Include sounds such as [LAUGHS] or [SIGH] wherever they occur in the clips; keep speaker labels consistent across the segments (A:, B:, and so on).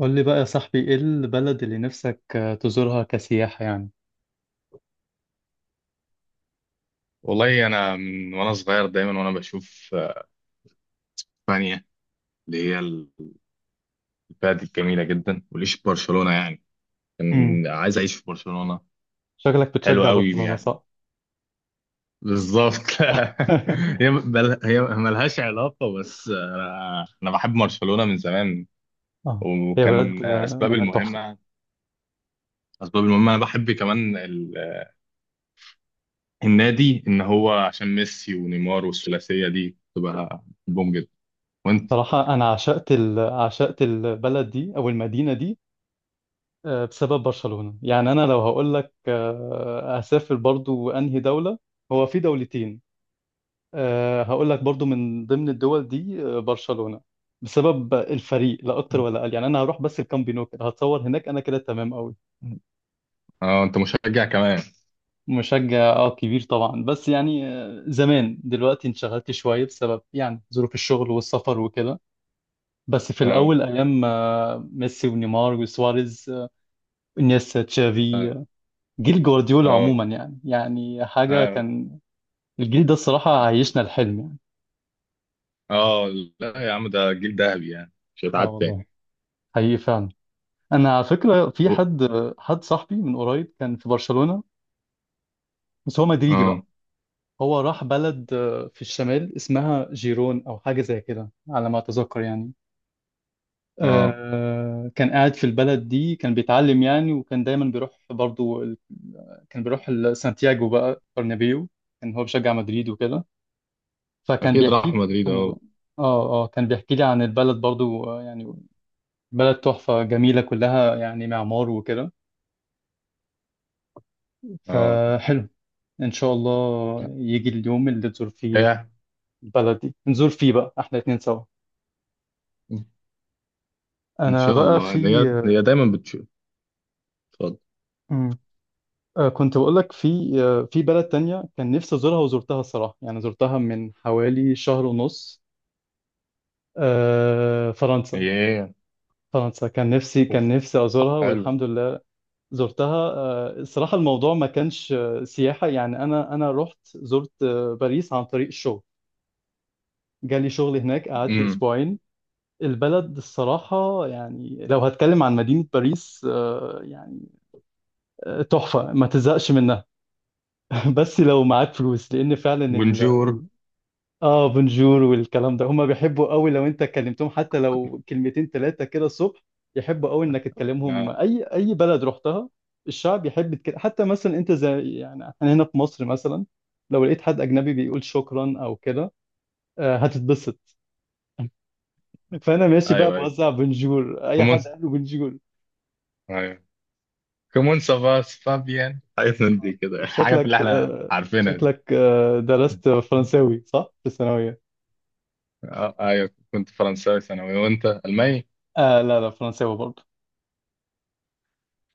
A: قول لي بقى يا صاحبي، ايه البلد اللي نفسك تزورها كسياحة يعني؟
B: والله انا من وانا صغير دايما وانا بشوف اسبانيا اللي هي البلد الجميله جدا، وليش برشلونه، يعني
A: امم
B: كان عايز اعيش في برشلونه.
A: شكلك
B: حلو
A: بتشجع
B: قوي
A: برشلونة،
B: يعني.
A: صح؟
B: بالظبط. [LAUGHS]
A: [LAUGHS]
B: هي ملهاش علاقه، بس انا بحب برشلونه من زمان.
A: اه، هي بلد
B: وكان
A: آه،
B: اسباب
A: بلد تحفة.
B: المهمه اسباب المهمه انا بحب كمان النادي، ان هو عشان ميسي ونيمار والثلاثيه دي تبقى بوم جدا. وانت؟
A: الصراحة انا عشقت عشقت البلد دي او المدينة دي، بسبب برشلونة. يعني انا لو هقول لك اسافر برضو انهي دولة، هو في دولتين. هقول لك برضو من ضمن الدول دي برشلونة، بسبب الفريق لا اكتر ولا اقل. يعني انا هروح بس الكامب نو، كده هتصور هناك انا كده تمام قوي.
B: اه انت مشجع كمان.
A: مشجع، اه، كبير طبعا، بس يعني زمان. دلوقتي انشغلت شوية بسبب يعني ظروف الشغل والسفر وكده. بس في
B: اه.
A: الأول أيام ميسي ونيمار وسواريز، انيستا، تشافي،
B: آه.
A: جيل جوارديولا
B: اه.
A: عموما، يعني يعني حاجة
B: اه.
A: كان الجيل ده، الصراحة عيشنا الحلم يعني.
B: اه. لا يا عم، ده جيل ذهبي يعني، مش
A: اه
B: هيتعاد تاني.
A: والله، حقيقي فعلا. أنا على فكرة في
B: أو-
A: حد، حد صاحبي من قريب كان في برشلونة، بس هو مدريدي بقى.
B: اه.
A: هو راح بلد في الشمال، اسمها جيرون أو حاجة زي كده على ما أتذكر يعني.
B: اه.
A: كان قاعد في البلد دي، كان بيتعلم يعني، وكان دايما بيروح برضو كان بيروح سانتياغو بقى، برنابيو. كان هو بيشجع مدريد وكده، فكان
B: اكيد
A: بيحكي
B: راح
A: لي
B: مدريد
A: برضو.
B: اه.
A: اه اه، كان بيحكي لي عن البلد برضو يعني بلد تحفة جميلة كلها، يعني معمار وكده،
B: اه.
A: فحلو. ان شاء الله
B: لا.
A: يجي اليوم اللي تزور فيه
B: هي،
A: البلد دي، نزور فيه بقى احنا اتنين سوا.
B: ان
A: انا
B: شاء
A: بقى
B: الله.
A: في
B: هي دايما بتشوف. اتفضل.
A: آه، كنت بقول لك في في بلد تانية كان نفسي أزورها وزرتها الصراحة، يعني زرتها من حوالي شهر ونص. فرنسا.
B: هي. هي.
A: فرنسا كان نفسي كان
B: اوف.
A: نفسي أزورها،
B: حلو.
A: والحمد لله زرتها. الصراحة الموضوع ما كانش سياحة يعني، أنا رحت زرت باريس عن طريق الشغل. جالي شغل هناك، قعدت
B: امم.
A: أسبوعين. البلد الصراحة، يعني لو هتكلم عن مدينة باريس، يعني تحفة ما تزهقش منها. [LAUGHS] بس لو معاك فلوس، لأن فعلا،
B: بونجور.
A: اه، بونجور والكلام ده هما بيحبوا قوي لو انت كلمتهم، حتى لو كلمتين ثلاثه كده الصبح يحبوا قوي انك تكلمهم.
B: آه.
A: اي بلد رحتها، الشعب يحب كده. حتى مثلا انت زي يعني احنا هنا في مصر مثلا، لو لقيت حد اجنبي بيقول شكرا او كده هتتبسط. [LAUGHS] فانا ماشي بقى
B: ايوه ايوه،
A: بوزع بونجور، اي
B: كومون،
A: حد قال له بونجور.
B: ايوه، كومون سافاس فابيان، حاجات من دي كده [LAUGHS]
A: انت
B: الحاجات اللي
A: شكلك،
B: احنا عارفينها دي.
A: درست فرنساوي، صح، في الثانويه؟
B: آه. ايوه كنت فرنساوي ثانوي، وانت الماني؟
A: آه، لا لا، فرنساوي برضه.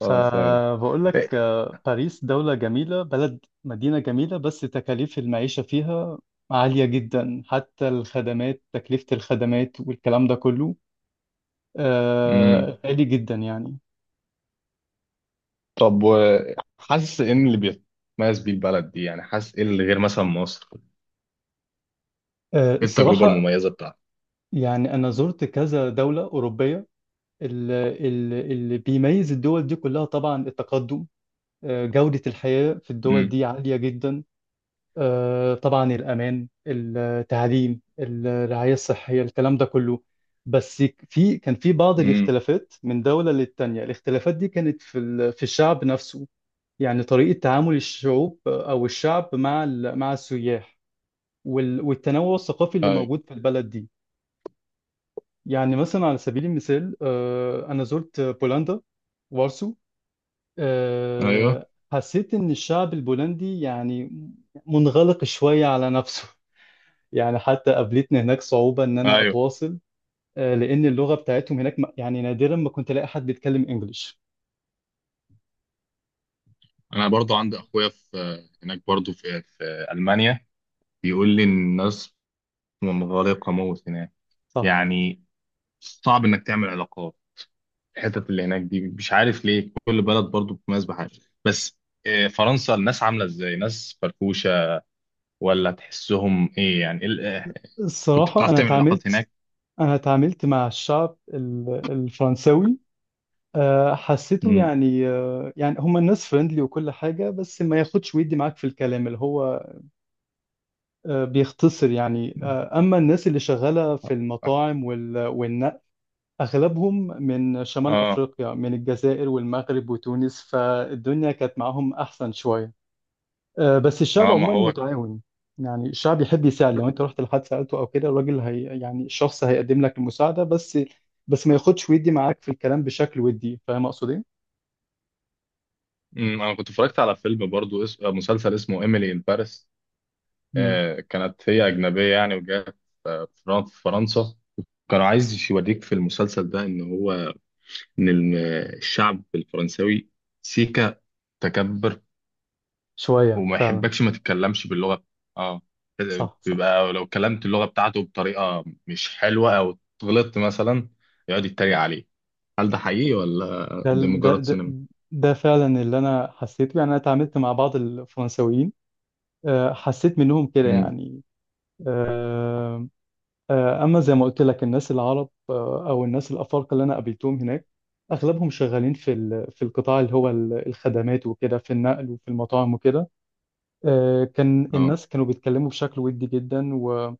B: فرنساوي.
A: لك، باريس دولة جميلة، بلد مدينة جميلة، بس تكاليف المعيشة فيها عالية جدا. حتى الخدمات، تكلفة الخدمات والكلام ده كله
B: إيه.
A: غالي جدا يعني.
B: طب، وحاسس ان اللي بيتميز بيه البلد دي، يعني حاسس ايه اللي غير مثلا مصر؟ ايه التجربه
A: الصراحة
B: المميزه بتاعتك؟
A: يعني أنا زرت كذا دولة أوروبية. اللي بيميز الدول دي كلها طبعا التقدم، جودة الحياة في الدول
B: امم.
A: دي عالية جدا، طبعا الأمان، التعليم، الرعاية الصحية، الكلام ده كله. بس في، كان في بعض
B: امم.
A: الاختلافات من دولة للتانية، الاختلافات دي كانت في في الشعب نفسه. يعني طريقة تعامل الشعوب أو الشعب مع مع السياح، والتنوع الثقافي اللي
B: ايوه
A: موجود في البلد دي. يعني مثلا على سبيل المثال، أنا زرت بولندا، وارسو.
B: ايوه
A: حسيت إن الشعب البولندي يعني منغلق شوية على نفسه. يعني حتى قابلتني هناك صعوبة إن أنا
B: ايوه.
A: أتواصل، لأن اللغة بتاعتهم هناك يعني نادرا ما كنت ألاقي حد بيتكلم إنجليش.
B: انا برضو عندي اخويا في هناك، برضو في المانيا، بيقول لي ان الناس منغلقه موت هناك
A: صح.
B: يعني. صعب انك تعمل علاقات. الحتت اللي هناك دي مش عارف ليه، كل بلد برضو بتميز بحاجه. بس فرنسا الناس عامله ازاي؟ ناس فرفوشه ولا تحسهم ايه يعني؟ كنت
A: الصراحة،
B: بتعرف
A: أنا
B: تعمل علاقات
A: اتعاملت
B: هناك؟
A: أنا اتعاملت مع الشعب الفرنساوي. حسيته يعني، يعني هم الناس فريندلي وكل حاجة، بس ما ياخدش ويدي معاك في الكلام، اللي هو بيختصر يعني. أما الناس اللي شغالة في المطاعم والنقل، أغلبهم من شمال
B: اه.
A: أفريقيا، من الجزائر والمغرب وتونس، فالدنيا كانت معاهم أحسن شوية. بس الشعب
B: اه. ما
A: عموما
B: هو كان.
A: متعاون. يعني الشعب يحب يساعد، لو انت رحت لحد سألته او كده، الراجل، هي يعني الشخص، هيقدم لك المساعدة، بس بس ما ياخدش ويدي معاك في الكلام بشكل ودي، فاهم اقصد ايه؟
B: انا كنت اتفرجت على فيلم برضو، مسلسل اسمه ايميلي ان باريس.
A: امم
B: آه، كانت هي اجنبيه يعني، وجات في فرنسا. كان عايز يوريك في المسلسل ده ان هو، ان ال- الشعب الفرنساوي سيكا، تكبر،
A: شوية
B: وما
A: فعلا.
B: يحبكش ما تتكلمش باللغه. اه.
A: صح صح.
B: بيبقى لو كلمت اللغه بتاعته بطريقه مش حلوه، او غلطت مثلا، يقعد يتريق عليه. هل ده حقيقي ولا
A: ده
B: ده
A: ده
B: مجرد
A: ده
B: سينما؟
A: ده فعلا اللي انا حسيته يعني. انا اتعاملت مع بعض الفرنساويين حسيت منهم كده
B: امم.
A: يعني. آه، اما زي ما قلت لك الناس العرب، او الناس الافارقه اللي انا قابلتهم هناك، اغلبهم شغالين في في القطاع اللي هو الخدمات وكده، في النقل وفي المطاعم وكده. كان
B: اه.
A: الناس كانوا بيتكلموا بشكل ودي جدا و...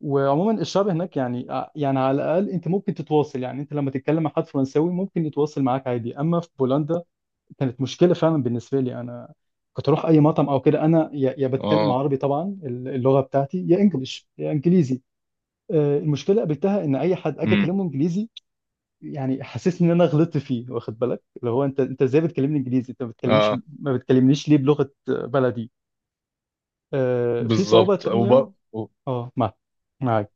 A: وعموما الشعب هناك يعني يعني على الاقل انت ممكن تتواصل. يعني انت لما تتكلم مع حد فرنساوي ممكن يتواصل معاك عادي، اما في بولندا كانت مشكله فعلا بالنسبه لي انا. كنت اروح اي مطعم او كده، انا يا بتكلم
B: اه.
A: عربي طبعا اللغه بتاعتي، يا انجليش يا انجليزي. المشكله قابلتها، ان اي حد اجي
B: امم.
A: اكلمه انجليزي يعني حاسسني ان انا غلطت فيه، واخد بالك، اللي هو انت ازاي بتكلمني انجليزي، انت ما بتكلمش
B: اه.
A: ما بتكلمنيش ليه بلغه بلدي. في صعوبه
B: بالظبط.
A: تانية. اه، معاك.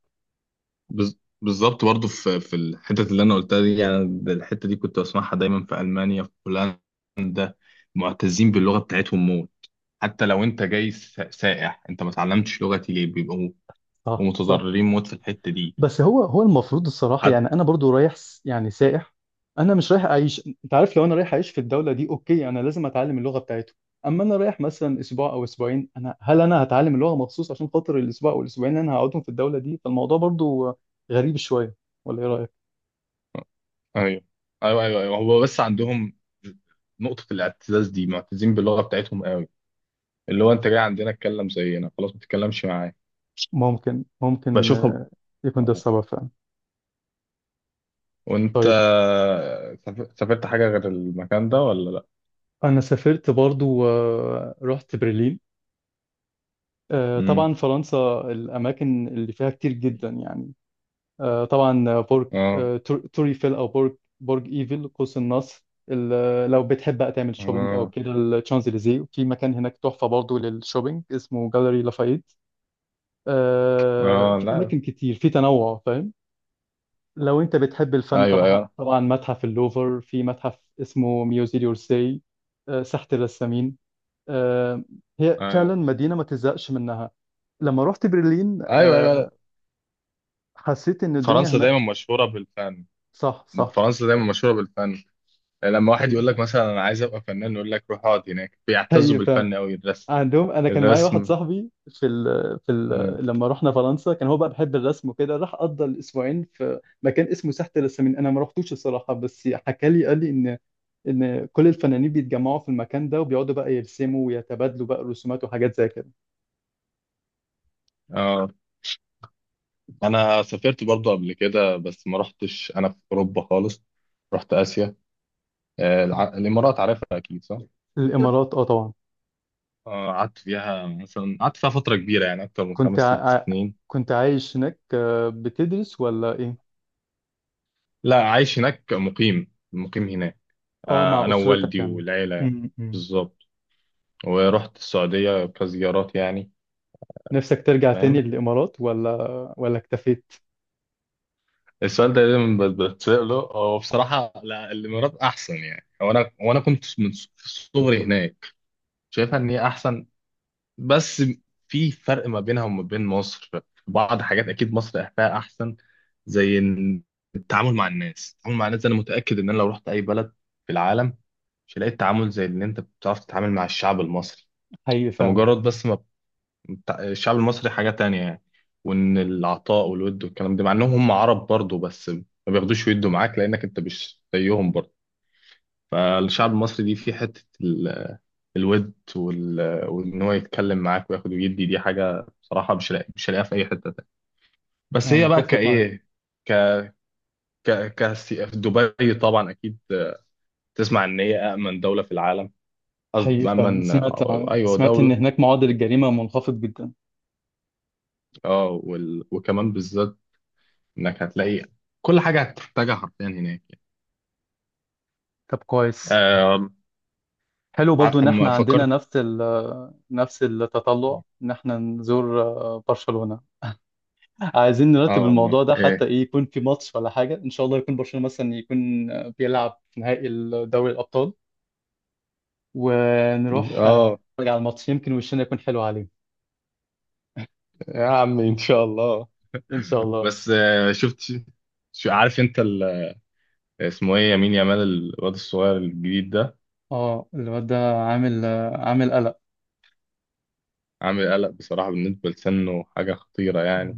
B: بالظبط برضه، في الحتت اللي انا قلتها دي يعني، الحته دي كنت بسمعها دايما في المانيا، في هولندا. معتزين باللغه بتاعتهم موت. حتى لو انت جاي سائح، انت ما اتعلمتش لغتي ليه؟ بيبقوا
A: صح صح.
B: متضررين موت في الحته دي.
A: بس هو هو المفروض الصراحة،
B: حتى.
A: يعني أنا برضو رايح، يعني سائح، أنا مش رايح أعيش. أنت عارف، لو أنا رايح أعيش في الدولة دي أوكي، أنا لازم أتعلم اللغة بتاعته، أما أنا رايح مثلا أسبوع أو أسبوعين، أنا هل أنا هتعلم اللغة مخصوص عشان خاطر الأسبوع أو الأسبوعين اللي أنا هقعدهم في الدولة دي؟ فالموضوع برضو غريب شوية، ولا إيه رأيك؟
B: ايوه ايوه ايوه ايوه. هو بس عندهم نقطه الاعتزاز دي، معتزين باللغه بتاعتهم قوي. اللي هو انت جاي عندنا اتكلم زينا، خلاص ما تتكلمش معايا.
A: ممكن ممكن
B: بشوفها.
A: يكون ده السبب فعلا.
B: وانت
A: طيب.
B: سافرت حاجة غير المكان ده ولا لا؟
A: أنا سافرت برضو رحت برلين.
B: امم.
A: طبعا فرنسا الأماكن اللي فيها كتير جدا يعني. طبعا، برج،
B: اه.
A: توري فيل، او برج ايفل، قوس النصر، لو بتحب بقى تعمل شوبينج او
B: اه.
A: كده الشانزليزيه، في مكان هناك تحفه برضو للشوبينج اسمه جاليري لافايت.
B: اه.
A: في
B: لا.
A: اماكن كتير، في تنوع فاهم. لو انت بتحب الفن،
B: ايوه
A: طبعا
B: ايوه
A: طبعا متحف اللوفر، في متحف اسمه ميوزي دورسي، ساحه الرسامين، آه، هي فعلا
B: ايوه
A: مدينه ما تزهقش منها. لما رحت برلين
B: ايوه ايوه.
A: حسيت ان الدنيا
B: فرنسا
A: هناك.
B: دايما مشهورة بالفن.
A: صح صح.
B: فرنسا دايما مشهورة بالفن. لما واحد يقول
A: هي
B: لك مثلا انا عايز ابقى فنان، يقول لك روح اقعد هناك، بيعتزوا
A: هي فعلا.
B: بالفن قوي، الرسم.
A: عندهم، انا كان معايا واحد
B: الرسم.
A: صاحبي في
B: اه.
A: لما رحنا فرنسا كان هو بقى بيحب الرسم وكده، راح قضى الاسبوعين في مكان اسمه ساحة الرسامين. انا ما رحتوش الصراحة، بس حكى لي، قال لي ان كل الفنانين بيتجمعوا في المكان ده وبيقعدوا بقى يرسموا، ويتبادلوا بقى رسومات وحاجات زي كده.
B: آه. انا سافرت برضو قبل كده، بس ما رحتش انا في اوروبا خالص، رحت اسيا. آه، الامارات عارفها اكيد صح؟
A: الامارات، اه طبعا.
B: آه، قعدت فيها فترة كبيرة يعني، أكتر من
A: كنت
B: خمس ست
A: ع... ع-
B: سنين
A: كنت عايش هناك، بتدرس ولا ايه؟
B: لا عايش هناك، مقيم مقيم هناك.
A: اه، مع
B: آه، أنا
A: اسرتك
B: ووالدي
A: يعني.
B: والعيلة.
A: م.
B: بالظبط. ورحت السعودية كزيارات يعني.
A: نفسك ترجع تاني
B: فاهم.
A: للامارات ولا اكتفيت؟
B: السؤال ده دايما بتسأله. هو بصراحة، لا الإمارات أحسن يعني، وأنا كنت في صغري هناك، شايفها إن هي أحسن. بس في فرق ما بينها وما بين مصر. في بعض حاجات اكيد مصر فيها احسن، زي إن التعامل مع الناس، انا متاكد ان انا لو رحت اي بلد في العالم، مش هلاقي التعامل زي اللي انت بتعرف تتعامل مع الشعب المصري.
A: حقيقي
B: ده
A: فعلا.
B: مجرد بس ما، الشعب المصري حاجه تانية يعني. وان العطاء والود والكلام ده، مع انهم هم عرب برضه، بس ما بياخدوش ويدوا معاك لانك انت مش زيهم برضه. فالشعب المصري دي، في حته الود، وان هو يتكلم معاك وياخد ويدي دي، حاجه بصراحه مش لاقيها في اي حته تانية. بس
A: انا
B: هي بقى
A: متفق معاك.
B: كايه. ك ك ك في دبي طبعا، اكيد تسمع ان هي امن دوله في العالم.
A: حقيقي
B: قصدي
A: فعلا،
B: امن.
A: سمعت
B: ايوه
A: سمعت ان
B: دوله.
A: هناك معدل الجريمه منخفض جدا.
B: اه. وكمان بالذات انك هتلاقي كل حاجه هتحتاجها حرفيا هناك يعني.
A: طب كويس.
B: آه...
A: حلو برضو ان
B: ما
A: احنا عندنا
B: فكرت.
A: نفس التطلع ان احنا نزور برشلونه. عايزين
B: اه
A: نرتب
B: والله
A: الموضوع ده، حتى
B: ايه.
A: ايه يكون في ماتش ولا حاجه، ان شاء الله يكون برشلونه مثلا يكون بيلعب في نهائي دوري الابطال، ونروح
B: اه
A: نتفرج على الماتش، يمكن وشنا يكون حلو عليه.
B: يا عم ان شاء الله.
A: ان شاء الله.
B: بس شفت، شو عارف انت اسمه ايه؟ يمين يامال، الواد الصغير الجديد ده.
A: اه، الواد ده عامل، عامل قلق.
B: عامل قلق بصراحة، بالنسبة لسنه حاجة خطيرة يعني.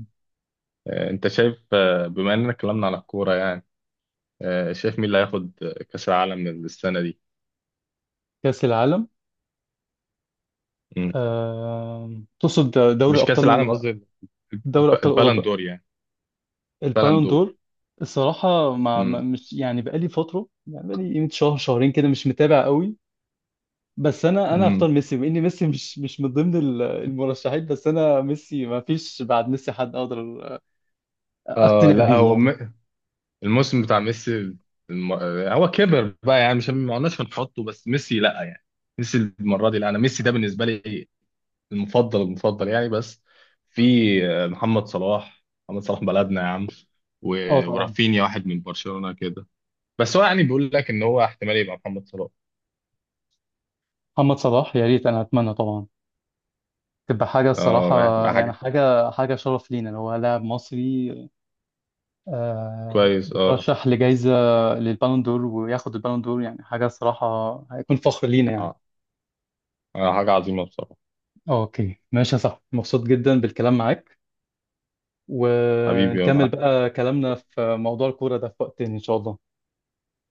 B: انت شايف، بما اننا اتكلمنا على الكورة يعني، شايف مين اللي هياخد كأس العالم السنة دي؟
A: كاس العالم؟
B: مم.
A: تقصد دوري
B: مش كأس العالم،
A: ابطال
B: قصدي
A: دوري ابطال اوروبا.
B: البالندور يعني.
A: البالون
B: بالندور.
A: دور. الصراحه ما ما-
B: مم.
A: مش يعني، بقالي فتره، يعني بقالي قيمه شهر شهرين كده مش متابع قوي. بس انا
B: مم.
A: هختار ميسي، واني ميسي مش من ضمن المرشحين، بس انا ميسي، ما فيش بعد ميسي حد اقدر
B: اه
A: اقتنع
B: لا
A: بيه
B: هو
A: يعني.
B: الموسم بتاع ميسي، هو كبر بقى يعني، مش ما قلناش هنحطه، بس ميسي لا يعني. ميسي المرة دي لا، انا ميسي ده بالنسبة لي المفضل، المفضل يعني. بس في محمد صلاح. محمد صلاح بلدنا يا عم،
A: اه طبعا.
B: ورافينيا واحد من برشلونة كده. بس هو يعني بيقول لك ان هو احتمال يبقى محمد صلاح.
A: محمد صلاح يا ريت، انا اتمنى طبعا تبقى حاجه الصراحه.
B: اه يعني تبقى
A: يعني
B: حاجة.
A: حاجه شرف لينا لو هو لاعب مصري
B: كويس. اه.
A: يترشح لجائزه للبالون دور، وياخد البالون دور، يعني حاجه الصراحه. هيكون فخر لينا يعني.
B: اه. حاجة عظيمة بصراحة.
A: اوكي، ماشي يا صاحبي، مبسوط جدا بالكلام معاك،
B: حبيبي يا
A: ونكمل
B: معلم،
A: بقى كلامنا في موضوع الكورة ده في وقت تاني ان شاء الله.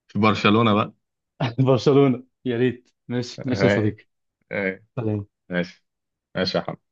B: في برشلونة بقى.
A: [LAUGHS] برشلونة يا ريت. ماشي ماشي يا
B: آه،
A: صديقي.
B: آه،
A: سلام.
B: ماشي ماشي يا حبيبي.